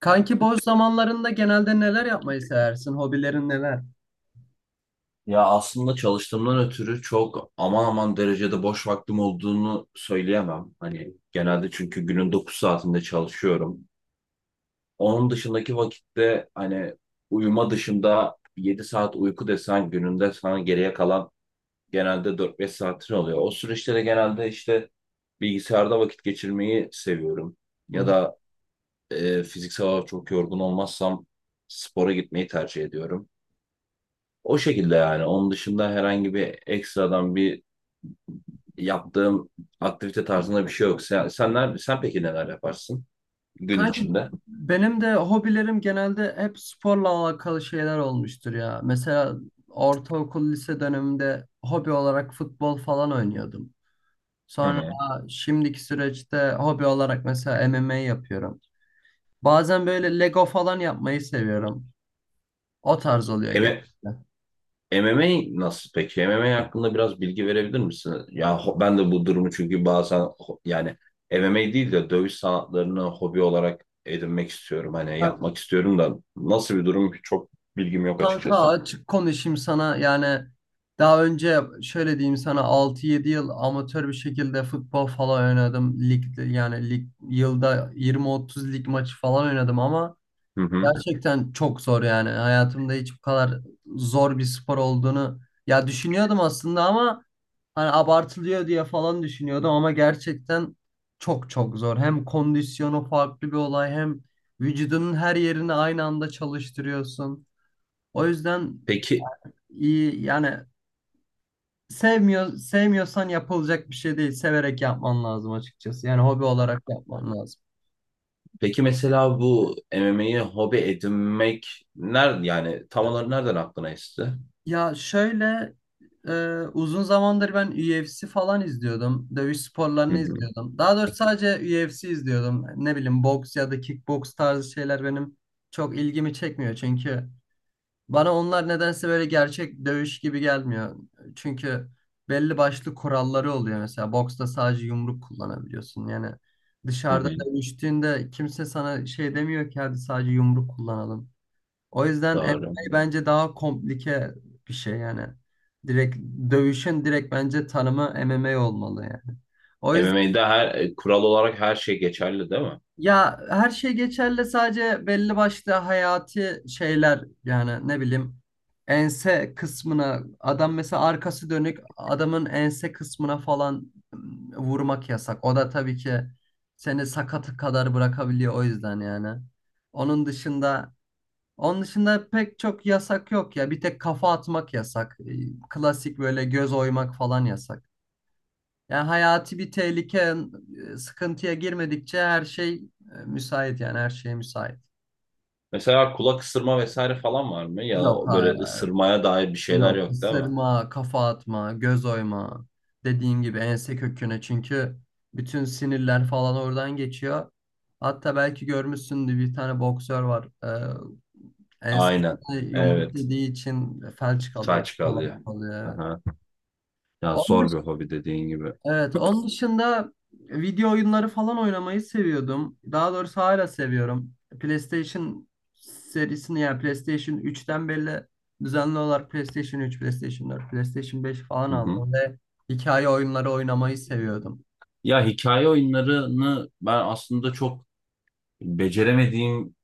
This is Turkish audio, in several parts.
Kanki boş zamanlarında genelde neler yapmayı seversin? Hobilerin neler? Ya aslında çalıştığımdan ötürü çok aman aman derecede boş vaktim olduğunu söyleyemem. Hani genelde çünkü günün 9 saatinde çalışıyorum. Onun dışındaki vakitte hani uyuma dışında 7 saat uyku desen gününde sana geriye kalan genelde 4-5 saatin oluyor. O süreçte de genelde işte bilgisayarda vakit geçirmeyi seviyorum. Hı Ya hı. da fiziksel olarak çok yorgun olmazsam spora gitmeyi tercih ediyorum. O şekilde yani. Onun dışında herhangi bir ekstradan bir yaptığım aktivite tarzında bir şey yok. Sen peki neler yaparsın gün Kanki içinde? benim de hobilerim genelde hep sporla alakalı şeyler olmuştur ya. Mesela ortaokul, lise döneminde hobi olarak futbol falan oynuyordum. Hı Sonra hı. şimdiki süreçte hobi olarak mesela MMA yapıyorum. Bazen böyle Lego falan yapmayı seviyorum. O tarz oluyor genelde. Eme- MMA nasıl peki? MMA hakkında biraz bilgi verebilir misin? Ya ben de bu durumu çünkü bazen yani MMA değil de dövüş sanatlarını hobi olarak edinmek istiyorum. Hani Ya yapmak istiyorum da nasıl bir durum ki çok bilgim yok kanka, açıkçası. açık konuşayım sana. Yani daha önce şöyle diyeyim sana, 6-7 yıl amatör bir şekilde futbol falan oynadım. Ligde, yani lig, yılda 20-30 lig maçı falan oynadım ama Hı hı. gerçekten çok zor yani. Hayatımda hiç bu kadar zor bir spor olduğunu ya düşünüyordum aslında ama hani abartılıyor diye falan düşünüyordum ama gerçekten çok çok zor. Hem kondisyonu farklı bir olay, hem vücudunun her yerini aynı anda çalıştırıyorsun. O yüzden Peki iyi yani, sevmiyorsan yapılacak bir şey değil. Severek yapman lazım açıkçası. Yani hobi olarak yapman lazım. peki mesela bu MMA'yi hobi edinmek nerede yani tam olarak nereden aklına esti? Ya şöyle, uzun zamandır ben UFC falan izliyordum. Dövüş Hı sporlarını hı. izliyordum. Daha doğrusu sadece UFC izliyordum. Ne bileyim, boks ya da kickboks tarzı şeyler benim çok ilgimi çekmiyor. Çünkü bana onlar nedense böyle gerçek dövüş gibi gelmiyor. Çünkü belli başlı kuralları oluyor. Mesela boksta sadece yumruk kullanabiliyorsun. Yani Hı dışarıda hı. dövüştüğünde kimse sana şey demiyor ki, hadi sadece yumruk kullanalım. O yüzden Doğru. MMA bence daha komplike bir şey yani. Direkt dövüşün direkt bence tanımı MMA olmalı yani. O yüzden MMA'de her kural olarak her şey geçerli değil mi? ya, her şey geçerli, sadece belli başlı hayati şeyler. Yani ne bileyim, ense kısmına adam, mesela arkası dönük adamın ense kısmına falan vurmak yasak. O da tabii ki seni sakatı kadar bırakabiliyor, o yüzden yani. Onun dışında Onun dışında pek çok yasak yok ya. Bir tek kafa atmak yasak. Klasik böyle göz oymak falan yasak. Yani hayati bir tehlike, sıkıntıya girmedikçe her şey müsait. Yani her şeye müsait. Mesela kulak ısırma vesaire falan var mı? Ya Yok hayır. böyle ısırmaya dair bir şeyler Yok. yok değil mi? Isırma, kafa atma, göz oyma. Dediğin gibi ense köküne, çünkü bütün sinirler falan oradan geçiyor. Hatta belki görmüşsündür, bir tane boksör var. Aynen. Ensesine yumruk Evet. yediği için felç kalıyor, Saç falan kalıyor. kalıyor. Aha. Ya Onun zor bir dış- hobi dediğin gibi. evet, onun dışında video oyunları falan oynamayı seviyordum. Daha doğrusu hala seviyorum. PlayStation serisini, yani PlayStation 3'ten beri düzenli olarak PlayStation 3, PlayStation 4, PlayStation 5 falan Hı hı. aldım ve hikaye oyunları oynamayı seviyordum. Ya hikaye oyunlarını ben aslında çok beceremediğim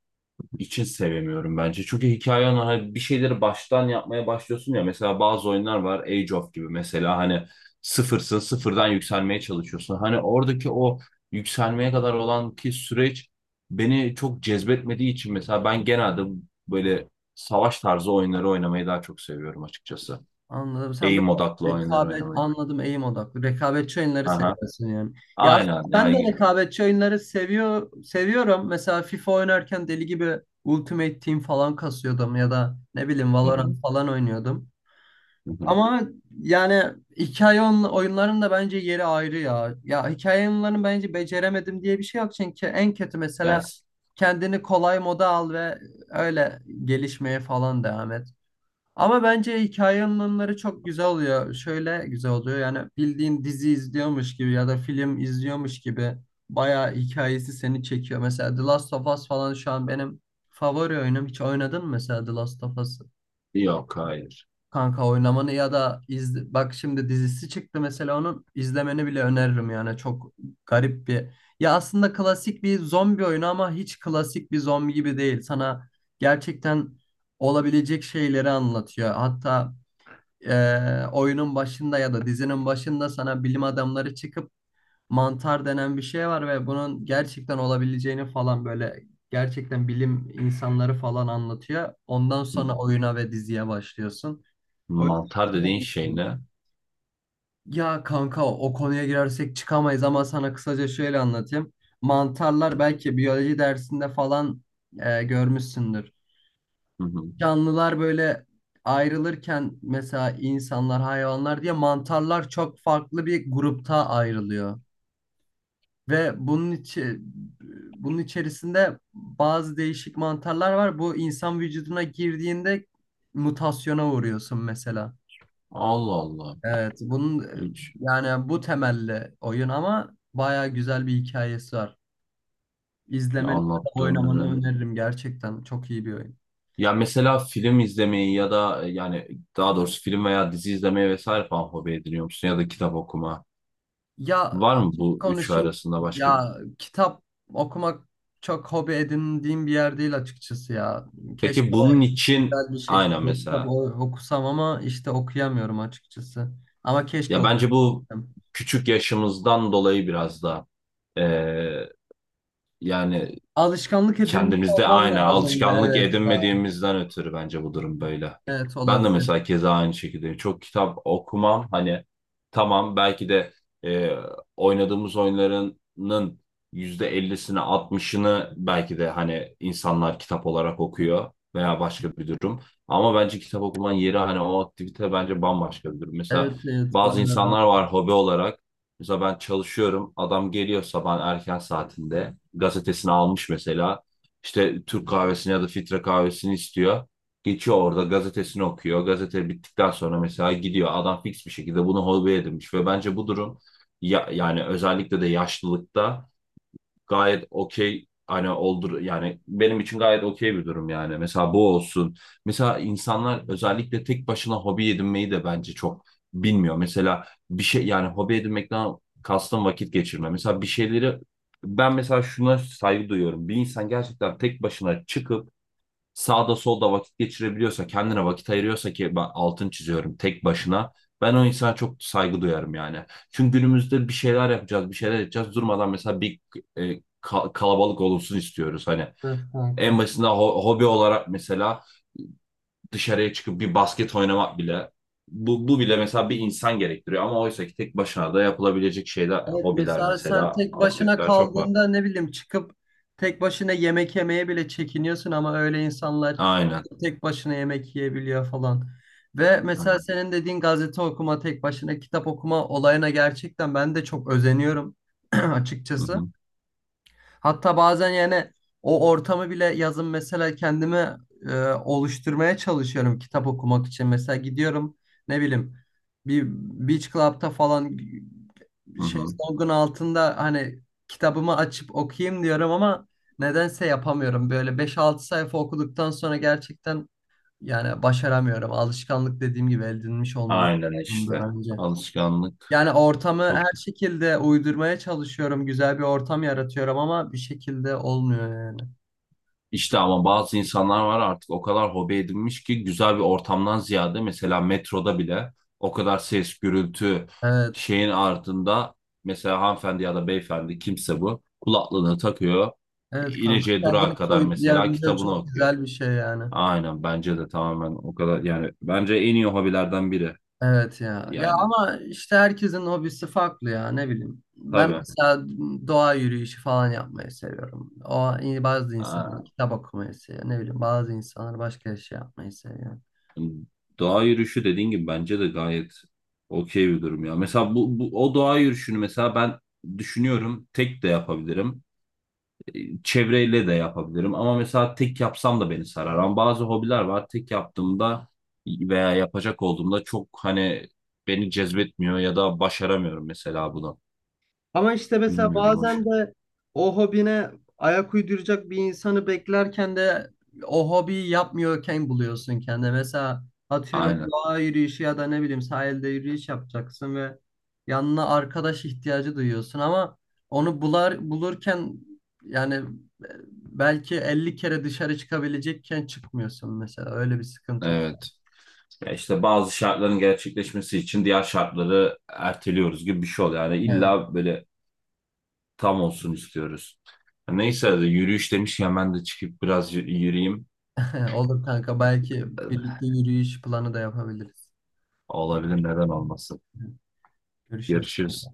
için sevemiyorum bence. Çünkü hikaye hani bir şeyleri baştan yapmaya başlıyorsun ya. Mesela bazı oyunlar var Age of gibi mesela hani sıfırsın sıfırdan yükselmeye çalışıyorsun. Hani oradaki o yükselmeye kadar olan ki süreç beni çok cezbetmediği için mesela ben genelde böyle savaş tarzı oyunları oynamayı daha çok seviyorum açıkçası. Anladım. Sen Aim böyle, odaklı oyunları rekabet, oynamayı. anladım, eğim odaklı. Rekabetçi oyunları Aha. seviyorsun yani. Ya aslında Aynen. ben de Yani, rekabetçi oyunları seviyorum. Mesela FIFA oynarken deli gibi Ultimate Team falan kasıyordum, ya da ne bileyim hı hı, Valorant falan oynuyordum. hı hı. Ama yani, oyunların da bence yeri ayrı ya. Ya hikaye oyunlarını bence beceremedim diye bir şey yok, çünkü en kötü mesela Yani, kendini kolay moda al ve öyle gelişmeye falan devam et. Ama bence hikaye anlatımları çok güzel oluyor. Şöyle güzel oluyor yani, bildiğin dizi izliyormuş gibi ya da film izliyormuş gibi bayağı hikayesi seni çekiyor. Mesela The Last of Us falan şu an benim favori oyunum. Hiç oynadın mı mesela The Last of Us'ı? yok hayır. Kanka oynamanı ya da izle, bak şimdi dizisi çıktı, mesela onun izlemeni bile öneririm yani. Çok garip bir. Ya aslında klasik bir zombi oyunu ama hiç klasik bir zombi gibi değil. Sana gerçekten olabilecek şeyleri anlatıyor. Hatta oyunun başında ya da dizinin başında sana bilim adamları çıkıp mantar denen bir şey var ve bunun gerçekten olabileceğini falan, böyle gerçekten bilim insanları falan anlatıyor. Ondan sonra oyuna ve diziye başlıyorsun. O yüzden Mantar güzel dediğin olmuş. şey ne? Ya kanka, o konuya girersek çıkamayız ama sana kısaca şöyle anlatayım. Mantarlar, belki biyoloji dersinde falan görmüşsündür, Hı hı. canlılar böyle ayrılırken, mesela insanlar, hayvanlar diye, mantarlar çok farklı bir grupta ayrılıyor. Ve bunun içerisinde bazı değişik mantarlar var. Bu insan vücuduna girdiğinde mutasyona uğruyorsun mesela. Allah Allah. Evet, bunun Hiç yani bu temelli oyun ama bayağı güzel bir hikayesi var. ya İzlemeni, anlattığın oynamanı üzerine. öneririm gerçekten. Çok iyi bir oyun. Ya mesela film izlemeyi ya da yani daha doğrusu film veya dizi izlemeyi vesaire falan hobi ediniyor musun? Ya da kitap okuma. Ya, Var mı açık bu üçü konuşayım. arasında başka bir? Ya, kitap okumak çok hobi edindiğim bir yer değil açıkçası ya. Peki Keşke bunun için güzel bir aynen şekilde mesela. Okusam ama işte okuyamıyorum açıkçası. Ama keşke Ya bence bu okuyabilsem. küçük yaşımızdan dolayı biraz da eee, yani Alışkanlık edinmiş kendimizde olmam aynı lazımdı. alışkanlık Evet ya. edinmediğimizden ötürü bence bu durum böyle. Evet, Ben de olabilir. mesela keza aynı şekilde çok kitap okumam hani tamam belki de e, oynadığımız oyunlarının %50'sini 60'ını belki de hani insanlar kitap olarak okuyor veya başka bir durum. Ama bence kitap okumanın yeri hani o aktivite bence bambaşka bir durum. Mesela Evet evet, bazı bayağı rahat. insanlar var hobi olarak. Mesela ben çalışıyorum. Adam geliyor sabahın erken saatinde. Gazetesini almış mesela işte Türk kahvesini ya da filtre kahvesini istiyor. Geçiyor orada gazetesini okuyor. Gazete bittikten sonra mesela gidiyor. Adam fix bir şekilde bunu hobi edinmiş ve bence bu durum ya, yani özellikle de yaşlılıkta gayet okey hani oldur yani benim için gayet okey bir durum yani. Mesela bu olsun. Mesela insanlar özellikle tek başına hobi edinmeyi de bence çok bilmiyor. Mesela bir şey yani hobi edinmekten kastım vakit geçirme. Mesela bir şeyleri ben mesela şuna saygı duyuyorum. Bir insan gerçekten tek başına çıkıp sağda solda vakit geçirebiliyorsa, kendine vakit ayırıyorsa ki ben altın çiziyorum tek başına. Ben o insana çok saygı duyarım yani. Çünkü günümüzde bir şeyler yapacağız, bir şeyler edeceğiz. Durmadan mesela bir kalabalık olunsun istiyoruz. Hani Evet kanka. en basitinden hobi olarak mesela dışarıya çıkıp bir basket oynamak bile bu bile mesela bir insan gerektiriyor ama oysa ki tek başına da yapılabilecek şeyler, Evet, hobiler mesela sen mesela tek başına aktiviteler çok var. kaldığında ne bileyim çıkıp tek başına yemek yemeye bile çekiniyorsun ama öyle insanlar Aynen. tek başına yemek yiyebiliyor falan. Ve mesela Aynen. senin dediğin gazete okuma, tek başına kitap okuma olayına gerçekten ben de çok özeniyorum Hı açıkçası. hı, Hatta bazen yani o ortamı bile yazın mesela kendimi oluşturmaya çalışıyorum kitap okumak için. Mesela gidiyorum, ne bileyim, bir beach club'ta falan hı hı. şezlongun altında hani kitabımı açıp okuyayım diyorum ama nedense yapamıyorum. Böyle beş altı sayfa okuduktan sonra gerçekten yani başaramıyorum. Alışkanlık, dediğim gibi, edinmiş olmamız Aynen lazımdı işte. bence. Alışkanlık Yani ortamı çok. her şekilde uydurmaya çalışıyorum. Güzel bir ortam yaratıyorum ama bir şekilde olmuyor yani. İşte ama bazı insanlar var artık o kadar hobi edinmiş ki güzel bir ortamdan ziyade mesela metroda bile o kadar ses, gürültü Evet. şeyin ardında mesela hanımefendi ya da beyefendi kimse bu kulaklığını takıyor. Evet kanka. İneceği durağa Kendini kadar mesela soyutlayabilmek kitabını çok okuyor. güzel bir şey yani. Aynen bence de tamamen o kadar yani bence en iyi hobilerden biri Evet ya. Ya yani ama işte herkesin hobisi farklı ya, ne bileyim. Ben tabii. mesela doğa yürüyüşü falan yapmayı seviyorum. O, bazı Aa. insanlar kitap okumayı seviyor. Ne bileyim, bazı insanlar başka şey yapmayı seviyor. Doğa yürüyüşü dediğin gibi bence de gayet okey bir durum ya. Mesela bu o doğa yürüyüşünü mesela ben düşünüyorum tek de yapabilirim. Çevreyle de yapabilirim ama mesela tek yapsam da beni sarar. Ama bazı hobiler var tek yaptığımda veya yapacak olduğumda çok hani beni cezbetmiyor ya da başaramıyorum mesela bunu. Ama işte mesela Bilmiyorum o bazen şey. de o hobine ayak uyduracak bir insanı beklerken de o hobiyi yapmıyorken buluyorsun kendine. Mesela atıyorum, Aynen. doğa yürüyüşü ya da ne bileyim sahilde yürüyüş yapacaksın ve yanına arkadaş ihtiyacı duyuyorsun ama onu bulurken yani, belki 50 kere dışarı çıkabilecekken çıkmıyorsun mesela, öyle bir sıkıntı da. Evet. Ya işte bazı şartların gerçekleşmesi için diğer şartları erteliyoruz gibi bir şey oluyor. Yani Evet. illa böyle tam olsun istiyoruz. Neyse yürüyüş demişken ben de çıkıp biraz yürüyeyim. Olur kanka, belki birlikte yürüyüş planı da yapabiliriz. Olabilir neden olmasın. Görüşürüz. Görüşürüz.